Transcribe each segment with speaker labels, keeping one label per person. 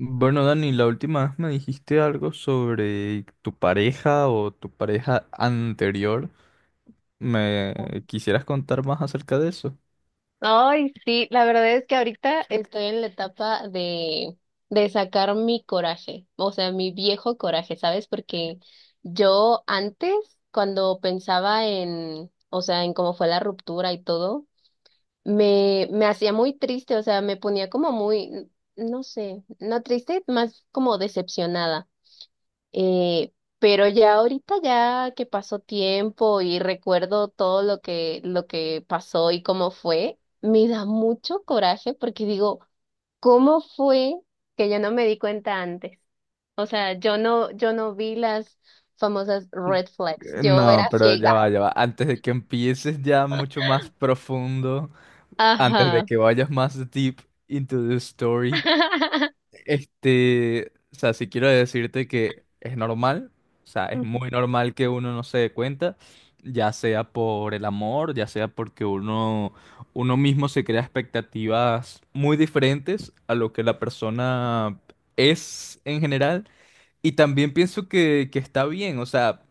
Speaker 1: Bueno, Dani, la última vez me dijiste algo sobre tu pareja o tu pareja anterior. ¿Me quisieras contar más acerca de eso?
Speaker 2: Ay, sí, la verdad es que ahorita estoy en la etapa de sacar mi coraje, o sea, mi viejo coraje, ¿sabes? Porque yo antes, cuando pensaba en, o sea, en cómo fue la ruptura y todo, me hacía muy triste, o sea, me ponía como muy, no sé, no triste, más como decepcionada. Eh, pero ya ahorita ya que pasó tiempo y recuerdo todo lo que pasó y cómo fue, me da mucho coraje porque digo, ¿cómo fue que yo no me di cuenta antes? O sea, yo no vi las famosas red flags, yo
Speaker 1: No,
Speaker 2: era
Speaker 1: pero ya
Speaker 2: ciega.
Speaker 1: va, ya va. Antes de que empieces ya mucho más profundo, antes de
Speaker 2: Ajá.
Speaker 1: que vayas más deep into the story. O sea, si quiero decirte que es normal, o sea, es muy normal que uno no se dé cuenta, ya sea por el amor, ya sea uno mismo se crea expectativas muy diferentes a lo que la persona es en general. Y también pienso que está bien, o sea,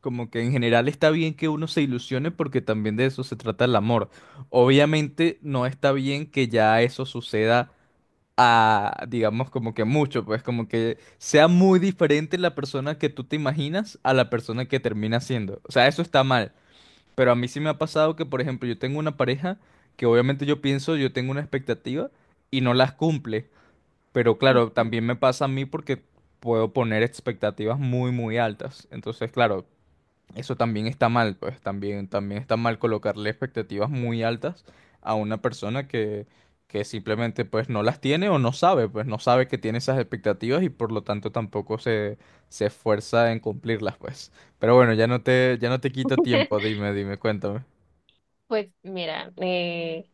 Speaker 1: como que en general está bien que uno se ilusione porque también de eso se trata el amor. Obviamente no está bien que ya eso suceda a, digamos, como que mucho, pues como que sea muy diferente la persona que tú te imaginas a la persona que termina siendo. O sea, eso está mal, pero a mí sí me ha pasado que, por ejemplo, yo tengo una pareja que obviamente yo pienso, yo tengo una expectativa y no las cumple, pero claro, también me pasa a mí porque puedo poner expectativas muy, muy altas. Entonces, claro, eso también está mal, pues también, también está mal colocarle expectativas muy altas a una persona que simplemente pues no las tiene o no sabe, pues no sabe que tiene esas expectativas y por lo tanto tampoco se, se esfuerza en cumplirlas, pues. Pero bueno, ya no te quito tiempo, dime, dime, cuéntame.
Speaker 2: Pues mira, eh,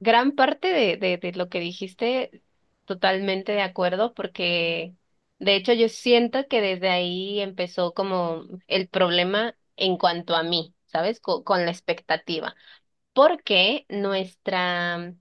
Speaker 2: Gran parte de lo que dijiste, totalmente de acuerdo, porque de hecho yo siento que desde ahí empezó como el problema en cuanto a mí, ¿sabes? Con la expectativa, porque nuestra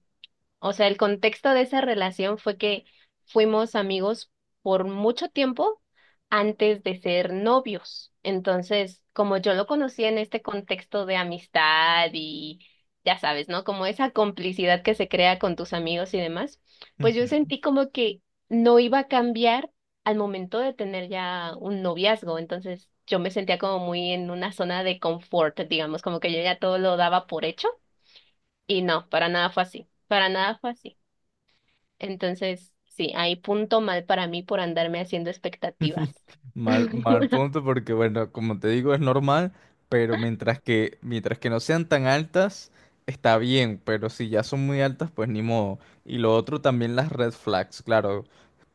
Speaker 2: o sea, el contexto de esa relación fue que fuimos amigos por mucho tiempo antes de ser novios. Entonces, como yo lo conocía en este contexto de amistad y ya sabes, ¿no? Como esa complicidad que se crea con tus amigos y demás, pues yo sentí como que no iba a cambiar al momento de tener ya un noviazgo. Entonces, yo me sentía como muy en una zona de confort, digamos, como que yo ya todo lo daba por hecho y no, para nada fue así. Para nada fue así. Entonces, sí, hay punto mal para mí por andarme haciendo expectativas.
Speaker 1: Mal, mal punto porque, bueno, como te digo, es normal, pero mientras que no sean tan altas, está bien, pero si ya son muy altas, pues ni modo. Y lo otro también las red flags, claro.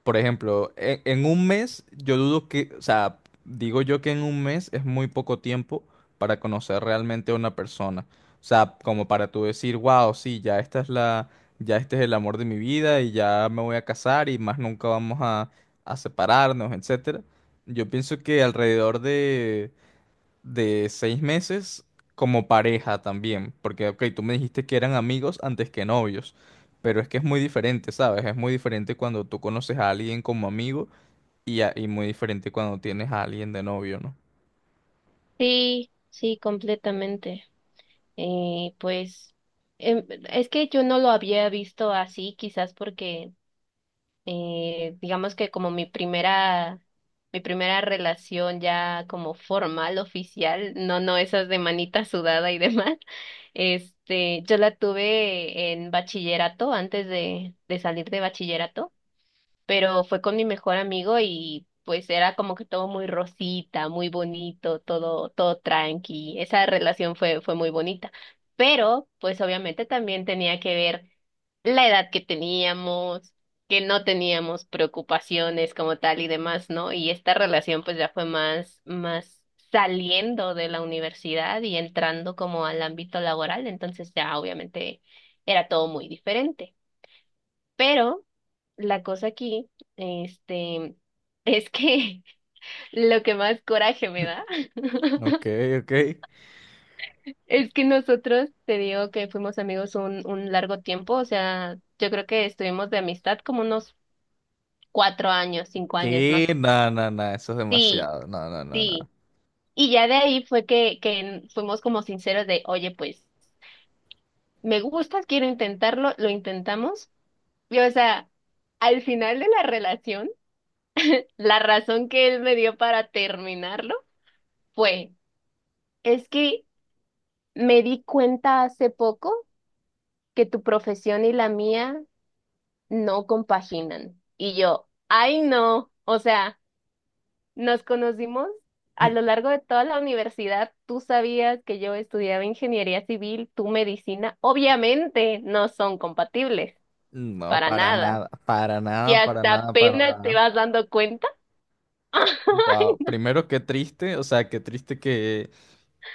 Speaker 1: Por ejemplo, en, un mes, yo dudo que, o sea, digo yo que en un mes es muy poco tiempo para conocer realmente a una persona. O sea, como para tú decir, wow, sí, ya este es el amor de mi vida y ya me voy a casar y más nunca vamos a separarnos, etcétera. Yo pienso que de 6 meses como pareja también, porque, ok, tú me dijiste que eran amigos antes que novios, pero es que es muy diferente, ¿sabes? Es muy diferente cuando tú conoces a alguien como amigo y muy diferente cuando tienes a alguien de novio, ¿no?
Speaker 2: Sí, sí, completamente. Pues es que yo no lo había visto así, quizás porque digamos que como mi primera relación ya como formal, oficial, no, no esas de manita sudada y demás, yo la tuve en bachillerato antes de salir de bachillerato. Pero fue con mi mejor amigo y pues era como que todo muy rosita, muy bonito, todo, todo tranqui. Esa relación fue muy bonita. Pero, pues obviamente también tenía que ver la edad que teníamos, que no teníamos preocupaciones como tal y demás, ¿no? Y esta relación pues ya fue más saliendo de la universidad y entrando como al ámbito laboral, entonces ya obviamente era todo muy diferente. Pero la cosa aquí, este, es que lo que más coraje me da
Speaker 1: Ok, ok.
Speaker 2: es que nosotros, te digo que fuimos amigos un largo tiempo, o sea, yo creo que estuvimos de amistad como unos 4 años, 5 años más.
Speaker 1: ¿Qué? No, no, no, eso es
Speaker 2: Sí,
Speaker 1: demasiado. No, no, no, no.
Speaker 2: sí. Y ya de ahí fue que fuimos como sinceros de, oye, pues, me gustas, quiero intentarlo, lo intentamos. Y o sea, al final de la relación, la razón que él me dio para terminarlo fue, es que me di cuenta hace poco que tu profesión y la mía no compaginan. Y yo, ay no, o sea, nos conocimos a
Speaker 1: Mm,
Speaker 2: lo largo de toda la universidad. Tú sabías que yo estudiaba ingeniería civil, tú medicina. Obviamente no son compatibles,
Speaker 1: no,
Speaker 2: para
Speaker 1: para
Speaker 2: nada.
Speaker 1: nada, para
Speaker 2: Y
Speaker 1: nada, para
Speaker 2: hasta
Speaker 1: nada, para
Speaker 2: apenas te
Speaker 1: nada.
Speaker 2: vas dando cuenta.
Speaker 1: Wow, primero qué triste, o sea, qué triste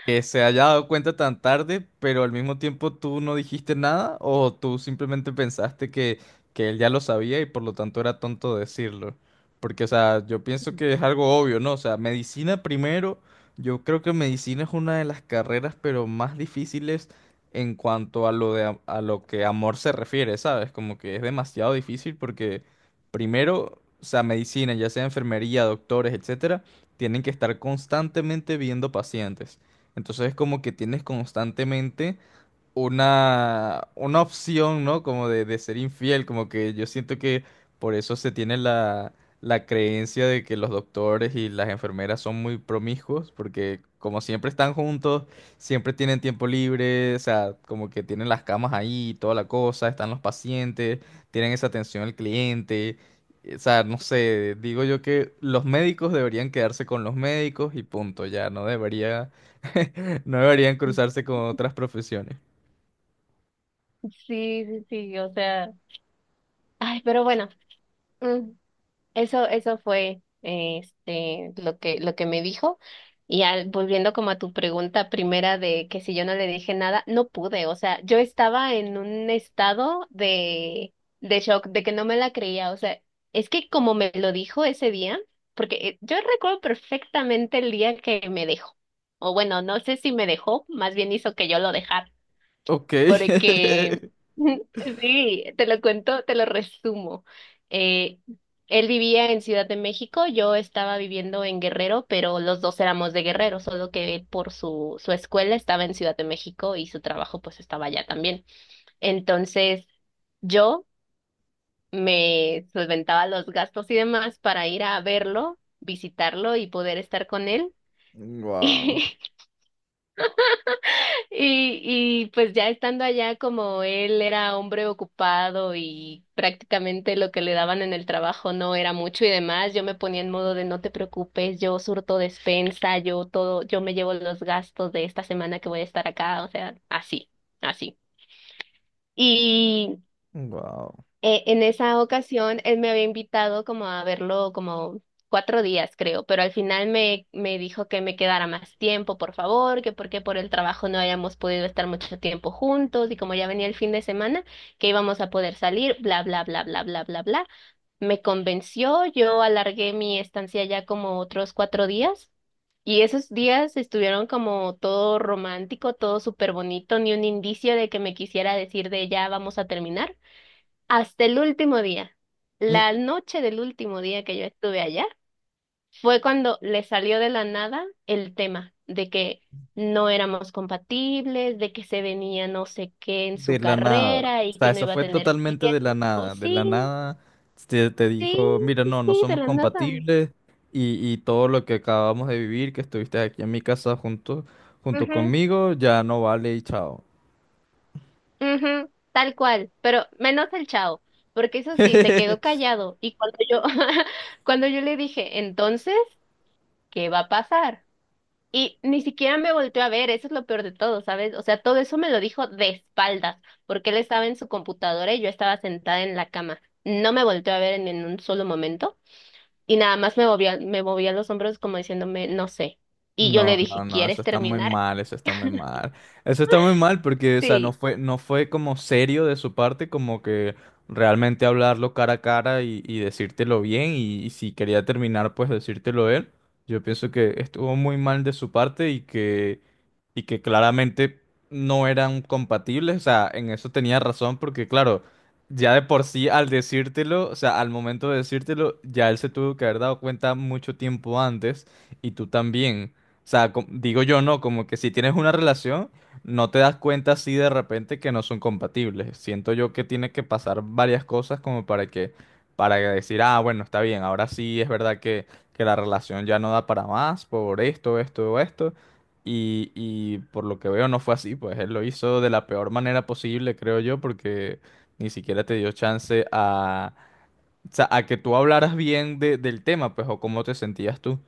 Speaker 1: que se haya dado cuenta tan tarde, pero al mismo tiempo tú no dijiste nada o tú simplemente que él ya lo sabía y por lo tanto era tonto decirlo. Porque, o sea, yo pienso que es algo obvio, ¿no? O sea, medicina primero, yo creo que medicina es una de las carreras, pero más difíciles en cuanto a lo que amor se refiere, ¿sabes? Como que es demasiado difícil porque primero, o sea, medicina, ya sea enfermería, doctores, etcétera, tienen que estar constantemente viendo pacientes. Entonces es como que tienes constantemente una opción, ¿no? Como de ser infiel, como que yo siento que por eso se tiene la creencia de que los doctores y las enfermeras son muy promiscuos, porque como siempre están juntos, siempre tienen tiempo libre, o sea, como que tienen las camas ahí, toda la cosa, están los pacientes, tienen esa atención al cliente. O sea, no sé, digo yo que los médicos deberían quedarse con los médicos y punto, ya no debería, no deberían cruzarse con otras profesiones.
Speaker 2: Sí, sí, sí, o sea, ay, pero bueno, mm, eso fue lo que me dijo. Y volviendo como a tu pregunta primera de que si yo no le dije nada, no pude. O sea, yo estaba en un estado de shock, de que no me la creía. O sea, es que como me lo dijo ese día, porque yo recuerdo perfectamente el día que me dejó. O bueno, no sé si me dejó, más bien hizo que yo lo dejara
Speaker 1: Ok.
Speaker 2: porque sí, te lo cuento, te lo resumo. Eh, él vivía en Ciudad de México, yo estaba viviendo en Guerrero, pero los dos éramos de Guerrero, solo que él por su escuela estaba en Ciudad de México y su trabajo pues estaba allá también. Entonces yo me solventaba los gastos y demás para ir a verlo, visitarlo y poder estar con él.
Speaker 1: Wow,
Speaker 2: Y, y pues ya estando allá, como él era hombre ocupado y prácticamente lo que le daban en el trabajo no era mucho y demás, yo me ponía en modo de no te preocupes, yo surto despensa, yo todo, yo me llevo los gastos de esta semana que voy a estar acá, o sea, así, así. y
Speaker 1: wow.
Speaker 2: eh, en esa ocasión él me había invitado como a verlo como 4 días, creo, pero al final me dijo que me quedara más tiempo, por favor, que porque por el trabajo no habíamos podido estar mucho tiempo juntos y como ya venía el fin de semana, que íbamos a poder salir, bla, bla, bla, bla, bla, bla, bla. Me convenció, yo alargué mi estancia ya como otros 4 días. Y esos días estuvieron como todo romántico, todo súper bonito, ni un indicio de que me quisiera decir de ya vamos a terminar hasta el último día.
Speaker 1: Mm,
Speaker 2: La noche del último día que yo estuve allá fue cuando le salió de la nada el tema de que no éramos compatibles, de que se venía no sé qué en
Speaker 1: de
Speaker 2: su
Speaker 1: la nada.
Speaker 2: carrera
Speaker 1: O
Speaker 2: y
Speaker 1: sea,
Speaker 2: que no
Speaker 1: eso
Speaker 2: iba a
Speaker 1: fue
Speaker 2: tener
Speaker 1: totalmente de la
Speaker 2: tiempo.
Speaker 1: nada. De la
Speaker 2: Sí,
Speaker 1: nada te
Speaker 2: sí,
Speaker 1: dijo, mira,
Speaker 2: sí,
Speaker 1: no, no
Speaker 2: sí, de
Speaker 1: somos
Speaker 2: la nada.
Speaker 1: compatibles y todo lo que acabamos de vivir, que estuviste aquí en mi casa junto, junto
Speaker 2: Ujú,
Speaker 1: conmigo, ya no vale y chao.
Speaker 2: ujú, tal cual, pero menos el chao, porque eso sí, se quedó callado y cuando yo, cuando yo le dije, entonces, ¿qué va a pasar? Y ni siquiera me volteó a ver, eso es lo peor de todo, ¿sabes? O sea, todo eso me lo dijo de espaldas, porque él estaba en su computadora y yo estaba sentada en la cama. No me volteó a ver en un solo momento y nada más me movía los hombros como diciéndome, no sé. Y yo le
Speaker 1: No, no,
Speaker 2: dije,
Speaker 1: no, eso
Speaker 2: ¿quieres
Speaker 1: está muy
Speaker 2: terminar?
Speaker 1: mal, eso está muy mal. Eso está muy mal porque, o sea,
Speaker 2: Sí.
Speaker 1: no fue como serio de su parte, como que realmente hablarlo cara a cara y decírtelo bien, y si quería terminar, pues decírtelo él. Yo pienso que estuvo muy mal de su parte y que claramente no eran compatibles. O sea, en eso tenía razón porque, claro, ya de por sí al decírtelo, o sea, al momento de decírtelo, ya él se tuvo que haber dado cuenta mucho tiempo antes y tú también. O sea, digo yo no, como que si tienes una relación, no te das cuenta así de repente que no son compatibles. Siento yo que tiene que pasar varias cosas como para para decir, ah, bueno, está bien, ahora sí es verdad que la relación ya no da para más por esto, esto, esto. Y por lo que veo no fue así, pues él lo hizo de la peor manera posible, creo yo, porque ni siquiera te dio chance a, o sea, a que tú hablaras bien del tema, pues, o cómo te sentías tú.